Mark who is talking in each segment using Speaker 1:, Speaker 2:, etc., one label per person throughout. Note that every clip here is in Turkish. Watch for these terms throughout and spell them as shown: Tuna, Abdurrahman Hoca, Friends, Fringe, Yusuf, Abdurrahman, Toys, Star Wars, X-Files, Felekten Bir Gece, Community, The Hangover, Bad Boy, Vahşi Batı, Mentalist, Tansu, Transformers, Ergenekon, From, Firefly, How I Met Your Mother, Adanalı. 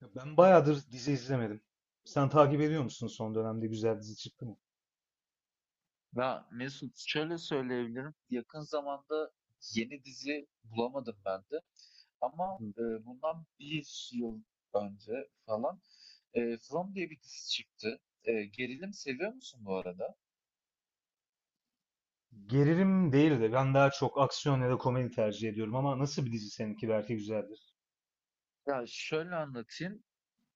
Speaker 1: Ya, ben bayağıdır dizi izlemedim. Sen takip ediyor musun, son dönemde güzel dizi çıktı mı?
Speaker 2: Ya Mesut şöyle söyleyebilirim. Yakın zamanda yeni dizi bulamadım ben de. Ama bundan bir yıl önce falan From diye bir dizi çıktı. Gerilim seviyor musun bu arada?
Speaker 1: Gerilim değil de ben daha çok aksiyon ya da komedi tercih ediyorum, ama nasıl bir dizi, seninki belki güzeldir.
Speaker 2: Ya şöyle anlatayım.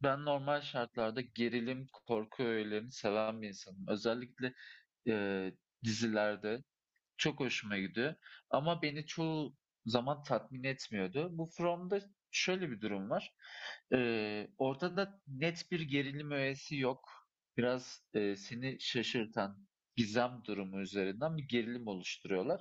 Speaker 2: Ben normal şartlarda gerilim, korku öğelerini seven bir insanım. Özellikle e, dizilerde çok hoşuma gidiyor ama beni çoğu zaman tatmin etmiyordu. Bu From'da şöyle bir durum var. Ortada net bir gerilim öğesi yok. Biraz, seni şaşırtan gizem durumu üzerinden bir gerilim oluşturuyorlar.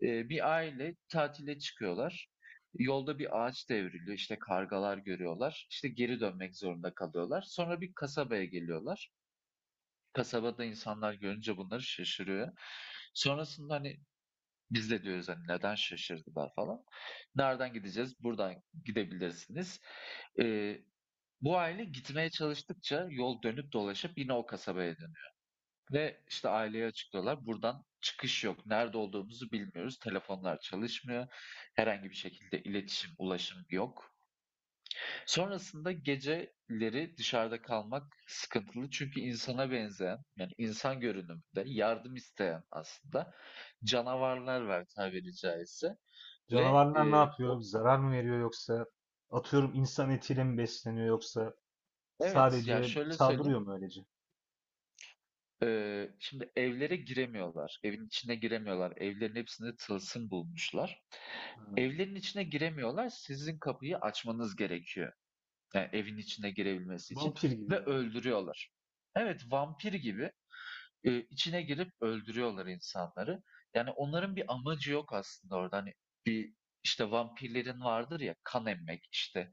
Speaker 2: Bir aile tatile çıkıyorlar. Yolda bir ağaç devriliyor, işte, kargalar görüyorlar. İşte, geri dönmek zorunda kalıyorlar. Sonra bir kasabaya geliyorlar. Kasabada insanlar görünce bunları şaşırıyor. Sonrasında, hani, biz de diyoruz hani neden şaşırdılar falan. Nereden gideceğiz? Buradan gidebilirsiniz. Ee, Bu aile gitmeye çalıştıkça yol dönüp dolaşıp yine o kasabaya dönüyor. Ve işte aileye açıklıyorlar. Buradan çıkış yok. Nerede olduğumuzu bilmiyoruz. Telefonlar çalışmıyor. Herhangi bir şekilde iletişim, ulaşım yok. Sonrasında geceleri dışarıda kalmak sıkıntılı. Çünkü insana benzeyen, yani insan görünümünde yardım isteyen aslında canavarlar var tabiri caizse. Ve
Speaker 1: Canavarlar ne
Speaker 2: e,
Speaker 1: yapıyor?
Speaker 2: o
Speaker 1: Zarar mı veriyor yoksa atıyorum insan etiyle mi besleniyor, yoksa
Speaker 2: evet ya
Speaker 1: sadece
Speaker 2: şöyle söyleyeyim.
Speaker 1: saldırıyor mu öylece?
Speaker 2: e, Şimdi evlere giremiyorlar. Evin içine giremiyorlar. Evlerin hepsinde tılsım bulmuşlar.
Speaker 1: Ha,
Speaker 2: Evlerin içine giremiyorlar. Sizin kapıyı açmanız gerekiyor. Yani evin içine girebilmesi için
Speaker 1: vampir gibi
Speaker 2: ve
Speaker 1: böyle.
Speaker 2: öldürüyorlar. Evet, vampir gibi içine girip öldürüyorlar insanları. Yani onların bir amacı yok aslında orada. Hani bir işte vampirlerin vardır ya kan emmek işte.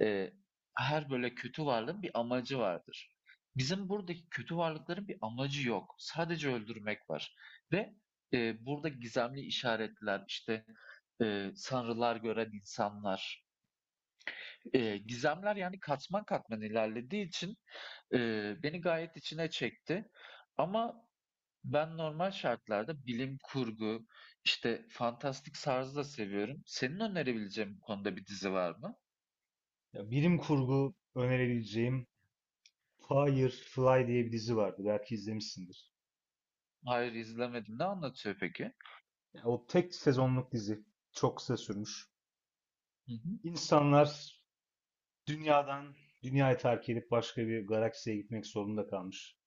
Speaker 2: Eee, Her böyle kötü varlığın bir amacı vardır. Bizim buradaki kötü varlıkların bir amacı yok. Sadece öldürmek var. Ve burada gizemli işaretler, işte, sanrılar gören insanlar. Gizemler yani katman katman ilerlediği için beni gayet içine çekti. Ama ben normal şartlarda bilim kurgu, işte fantastik tarzı da seviyorum. Senin önerebileceğin bu konuda bir dizi var mı?
Speaker 1: Ya, bilim kurgu önerebileceğim Firefly diye bir dizi vardı. Belki izlemişsindir.
Speaker 2: Hayır izlemedim. Ne anlatıyor peki?
Speaker 1: Ya, o tek sezonluk dizi. Çok kısa sürmüş.
Speaker 2: Hı hı.
Speaker 1: İnsanlar dünyadan, dünyayı terk edip başka bir galaksiye gitmek zorunda kalmış.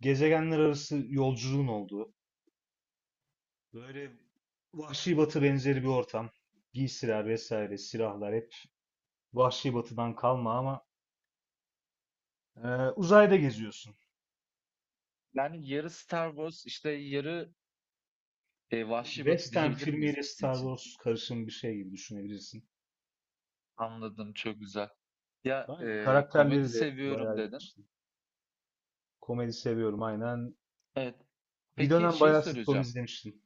Speaker 1: Gezegenler arası yolculuğun olduğu, böyle Vahşi Batı benzeri bir ortam. Giysiler vesaire, silahlar hep Vahşi Batı'dan kalma ama e, uzayda geziyorsun.
Speaker 2: Yani yarı Star Wars işte yarı Vahşi Batı
Speaker 1: Western
Speaker 2: diyebilir miyiz
Speaker 1: filmiyle
Speaker 2: dizi
Speaker 1: Star
Speaker 2: için?
Speaker 1: Wars karışım bir şey gibi düşünebilirsin.
Speaker 2: Anladım, çok güzel. Ya
Speaker 1: Aynen,
Speaker 2: komedi
Speaker 1: karakterleri de
Speaker 2: seviyorum
Speaker 1: bayağı
Speaker 2: dedin.
Speaker 1: ilginç. Komedi seviyorum aynen.
Speaker 2: Evet.
Speaker 1: Bir
Speaker 2: Peki
Speaker 1: dönem
Speaker 2: şey
Speaker 1: bayağı sitcom
Speaker 2: soracağım.
Speaker 1: izlemiştim.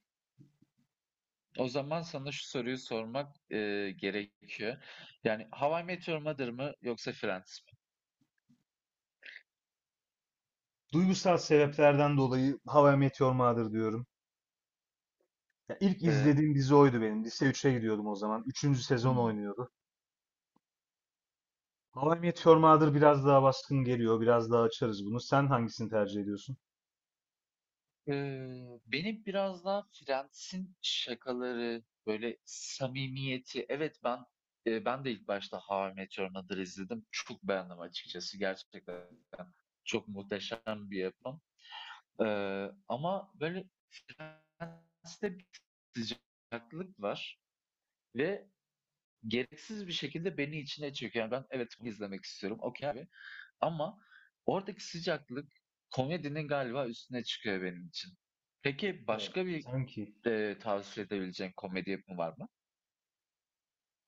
Speaker 2: O zaman sana şu soruyu sormak gerekiyor. Yani How I Met Your Mother mı yoksa Friends mi?
Speaker 1: Duygusal sebeplerden dolayı How I Met Your Mother diyorum. İlk
Speaker 2: E,
Speaker 1: izlediğim dizi oydu benim. Lise 3'e gidiyordum o zaman. Üçüncü sezon
Speaker 2: hmm.
Speaker 1: oynuyordu. How I Met Your Mother biraz daha baskın geliyor. Biraz daha açarız bunu. Sen hangisini tercih ediyorsun?
Speaker 2: Benim biraz daha Friends'in şakaları, böyle samimiyeti. Evet, ben de ilk başta How I Met Your Mother'ı izledim. Çok beğendim açıkçası. Gerçekten çok muhteşem bir yapım. Ama böyle Friends'te bir farklılık var ve gereksiz bir şekilde beni içine çekiyor. Yani ben, evet, bunu izlemek istiyorum. Okey abi. Ama oradaki sıcaklık komedinin galiba üstüne çıkıyor benim için. Peki
Speaker 1: Evet.
Speaker 2: başka bir
Speaker 1: Sanki
Speaker 2: Tavsiye edebileceğin komedi yapımı var mı?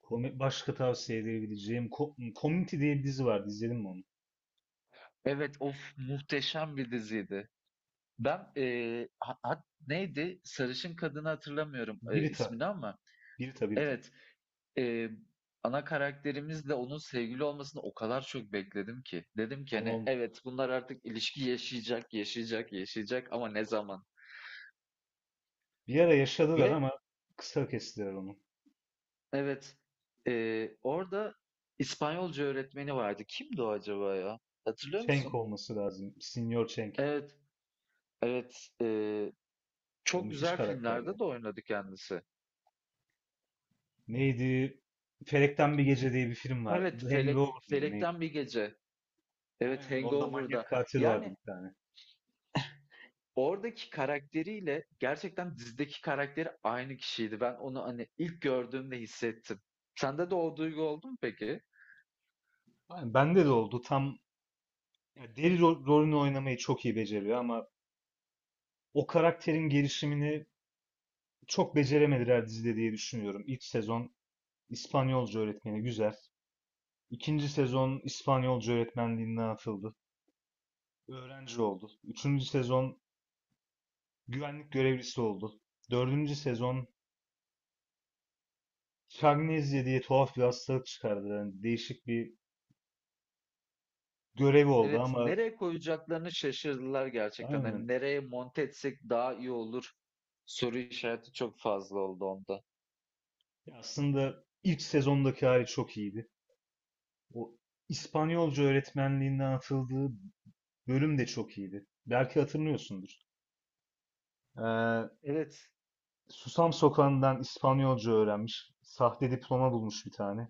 Speaker 1: başka tavsiye edebileceğim Community diye bir dizi vardı. İzledin mi onu?
Speaker 2: Evet, of, muhteşem bir diziydi. Ben, ha hat neydi? Sarışın kadını hatırlamıyorum,
Speaker 1: Birita.
Speaker 2: ismini ama
Speaker 1: Birita.
Speaker 2: evet, eee, ana karakterimizle onun sevgili olmasını o kadar çok bekledim ki. Dedim ki,
Speaker 1: Ama
Speaker 2: hani,
Speaker 1: olmadı.
Speaker 2: evet bunlar artık ilişki yaşayacak, yaşayacak, yaşayacak ama ne zaman?
Speaker 1: Bir ara yaşadılar
Speaker 2: Ve
Speaker 1: ama kısa kestiler onu.
Speaker 2: evet, orada İspanyolca öğretmeni vardı. Kimdi o acaba ya? Hatırlıyor
Speaker 1: Cenk
Speaker 2: musun?
Speaker 1: olması lazım. Senior Cenk.
Speaker 2: Evet, evet. eee
Speaker 1: O
Speaker 2: Çok
Speaker 1: müthiş
Speaker 2: güzel
Speaker 1: karakter ya.
Speaker 2: filmlerde de oynadı kendisi.
Speaker 1: Neydi? Felekten Bir Gece diye bir film var.
Speaker 2: Evet,
Speaker 1: The Hangover mıydı? Neydi?
Speaker 2: Felekten Bir Gece. Evet,
Speaker 1: Aynen, orada manyak
Speaker 2: Hangover'da.
Speaker 1: katil vardı
Speaker 2: Yani
Speaker 1: bir tane.
Speaker 2: oradaki karakteriyle gerçekten dizideki karakteri aynı kişiydi. Ben onu hani ilk gördüğümde hissettim. Sende de o duygu oldu mu peki?
Speaker 1: Aynen, bende de oldu. Tam, ya, deli rolünü oynamayı çok iyi beceriyor, ama o karakterin gelişimini çok beceremediler dizide diye düşünüyorum. İlk sezon İspanyolca öğretmeni güzel. İkinci sezon İspanyolca öğretmenliğinden atıldı. Öğrenci oldu. Üçüncü sezon güvenlik görevlisi oldu. Dördüncü sezon Şagnezya diye tuhaf bir hastalık çıkardı. Yani değişik bir görev oldu
Speaker 2: Evet,
Speaker 1: ama
Speaker 2: nereye koyacaklarını şaşırdılar gerçekten.
Speaker 1: aynen.
Speaker 2: Hani nereye monte etsek daha iyi olur. Soru işareti çok fazla oldu onda.
Speaker 1: Ya, aslında ilk sezondaki hali çok iyiydi. O İspanyolca öğretmenliğinden atıldığı bölüm de çok iyiydi. Belki hatırlıyorsundur. Ee,
Speaker 2: Evet,
Speaker 1: Susam Sokağı'ndan İspanyolca öğrenmiş. Sahte diploma bulmuş bir tane.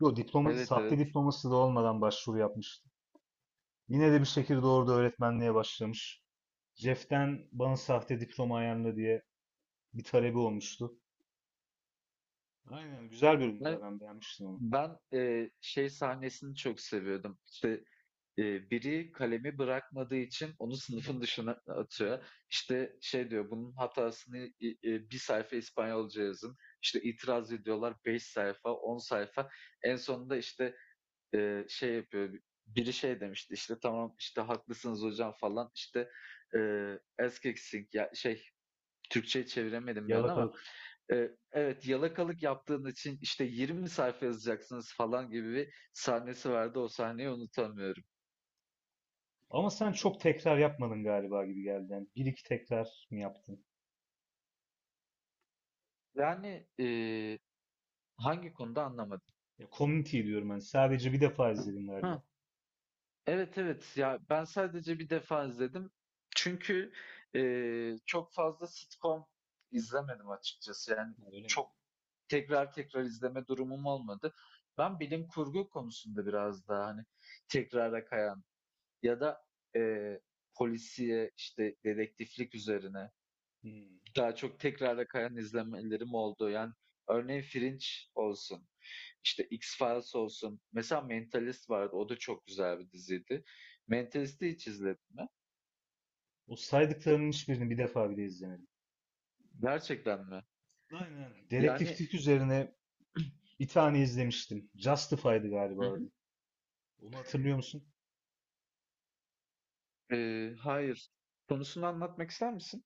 Speaker 1: Yo, diploma,
Speaker 2: evet,
Speaker 1: sahte
Speaker 2: evet.
Speaker 1: diploması da olmadan başvuru yapmıştı. Yine de bir şekilde orada öğretmenliğe başlamış. Jeff'ten bana sahte diploma ayarla diye bir talebi olmuştu. Aynen, güzel bölümdü
Speaker 2: Ben,
Speaker 1: ya, ben beğenmiştim onu.
Speaker 2: ben şey sahnesini çok seviyordum. İşte biri kalemi bırakmadığı için onu sınıfın dışına atıyor. İşte şey diyor, bunun hatasını i 1 sayfa İspanyolca yazın. İşte itiraz ediyorlar 5 sayfa, 10 sayfa. En sonunda işte, şey yapıyor, biri şey demişti, işte, "Tamam, işte, haklısınız hocam." falan. İşte, "Esquexing" ya şey, Türkçeye çeviremedim bir an ama,
Speaker 1: Yalakalık.
Speaker 2: evet, yalakalık yaptığın için, işte, 20 sayfa yazacaksınız." falan gibi bir sahnesi vardı. O sahneyi unutamıyorum.
Speaker 1: Ama sen çok tekrar yapmadın galiba, gibi geldi. Yani bir iki tekrar mı yaptın?
Speaker 2: Yani, hangi konuda anlamadım?
Speaker 1: Ya, Community diyorum ben. Sadece bir defa izledim galiba.
Speaker 2: Ha, evet, evet. Ya, ben sadece bir defa izledim. Çünkü, çok fazla sitcom izlemedim açıkçası. Yani
Speaker 1: Ha, öyle mi?
Speaker 2: çok tekrar tekrar izleme durumum olmadı. Ben bilim kurgu konusunda biraz daha, hani, tekrara kayan ya da, eee, polisiye, işte, dedektiflik üzerine
Speaker 1: Hmm.
Speaker 2: daha çok tekrara kayan izlemelerim oldu. Yani örneğin Fringe olsun, işte X-Files olsun. Mesela Mentalist vardı. O da çok güzel bir diziydi. Mentalist'i hiç izledin mi?
Speaker 1: O saydıklarının hiçbirini bir defa bile izlemedim.
Speaker 2: Gerçekten mi?
Speaker 1: Aynen, aynen.
Speaker 2: Yani.
Speaker 1: Dedektiflik üzerine bir tane izlemiştim. Justified'ı
Speaker 2: Hı
Speaker 1: galiba
Speaker 2: hı.
Speaker 1: adı. Onu hatırlıyor musun?
Speaker 2: Hayır. Konusunu anlatmak ister misin?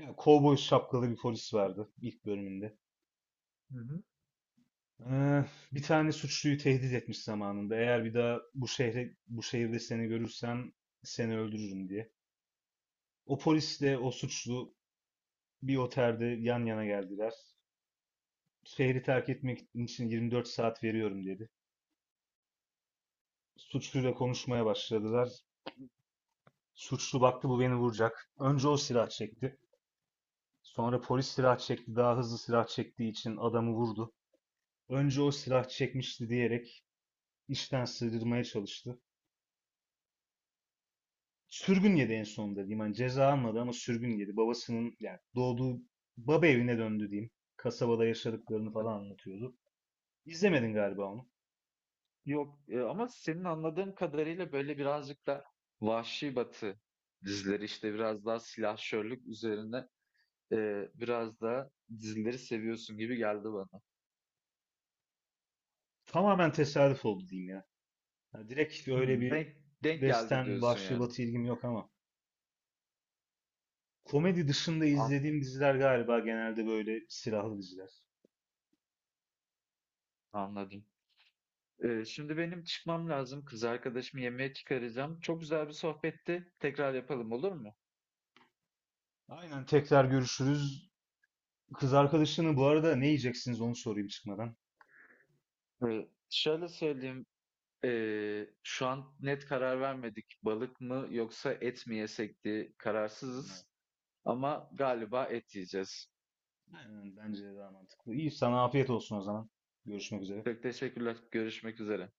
Speaker 1: Ya, kovboy şapkalı bir polis vardı ilk bölümünde.
Speaker 2: Hı hı.
Speaker 1: Ee, bir tane suçluyu tehdit etmiş zamanında. Eğer bir daha bu şehre, bu şehirde seni görürsem seni öldürürüm diye. O polisle o suçlu bir otelde yan yana geldiler. Şehri terk etmek için 24 saat veriyorum dedi. Suçluyla konuşmaya başladılar. Suçlu baktı bu beni vuracak. Önce o silah çekti. Sonra polis silah çekti. Daha hızlı silah çektiği için adamı vurdu. Önce o silah çekmişti diyerek işten sığdırmaya çalıştı. Sürgün yedi en sonunda diyeyim. Hani ceza almadı ama sürgün yedi. Babasının, yani doğduğu baba evine döndü diyeyim. Kasabada yaşadıklarını falan
Speaker 2: Anladım.
Speaker 1: anlatıyordu. İzlemedin galiba onu.
Speaker 2: Yok, ama senin anladığım kadarıyla böyle birazcık da vahşi batı dizileri, işte biraz daha silahşörlük üzerine biraz daha dizileri seviyorsun gibi geldi bana.
Speaker 1: Tamamen tesadüf oldu diyeyim ya. Yani direkt öyle
Speaker 2: Hımm,
Speaker 1: bir
Speaker 2: denk geldi
Speaker 1: western,
Speaker 2: diyorsun
Speaker 1: vahşi
Speaker 2: yani.
Speaker 1: batı ilgim yok, ama komedi dışında
Speaker 2: An
Speaker 1: izlediğim diziler galiba genelde böyle silahlı diziler.
Speaker 2: Anladım. Şimdi benim çıkmam lazım. Kız arkadaşımı yemeğe çıkaracağım. Çok güzel bir sohbetti. Tekrar yapalım, olur mu?
Speaker 1: Aynen, tekrar görüşürüz. Kız arkadaşını bu arada ne yiyeceksiniz, onu sorayım çıkmadan.
Speaker 2: Şöyle söyleyeyim, şu an net karar vermedik. Balık mı yoksa et mi yesek diye
Speaker 1: Evet.
Speaker 2: kararsızız ama galiba et yiyeceğiz.
Speaker 1: Aynen, bence de daha mantıklı. İyi, sana afiyet olsun o zaman. Görüşmek üzere.
Speaker 2: Çok teşekkürler. Görüşmek üzere.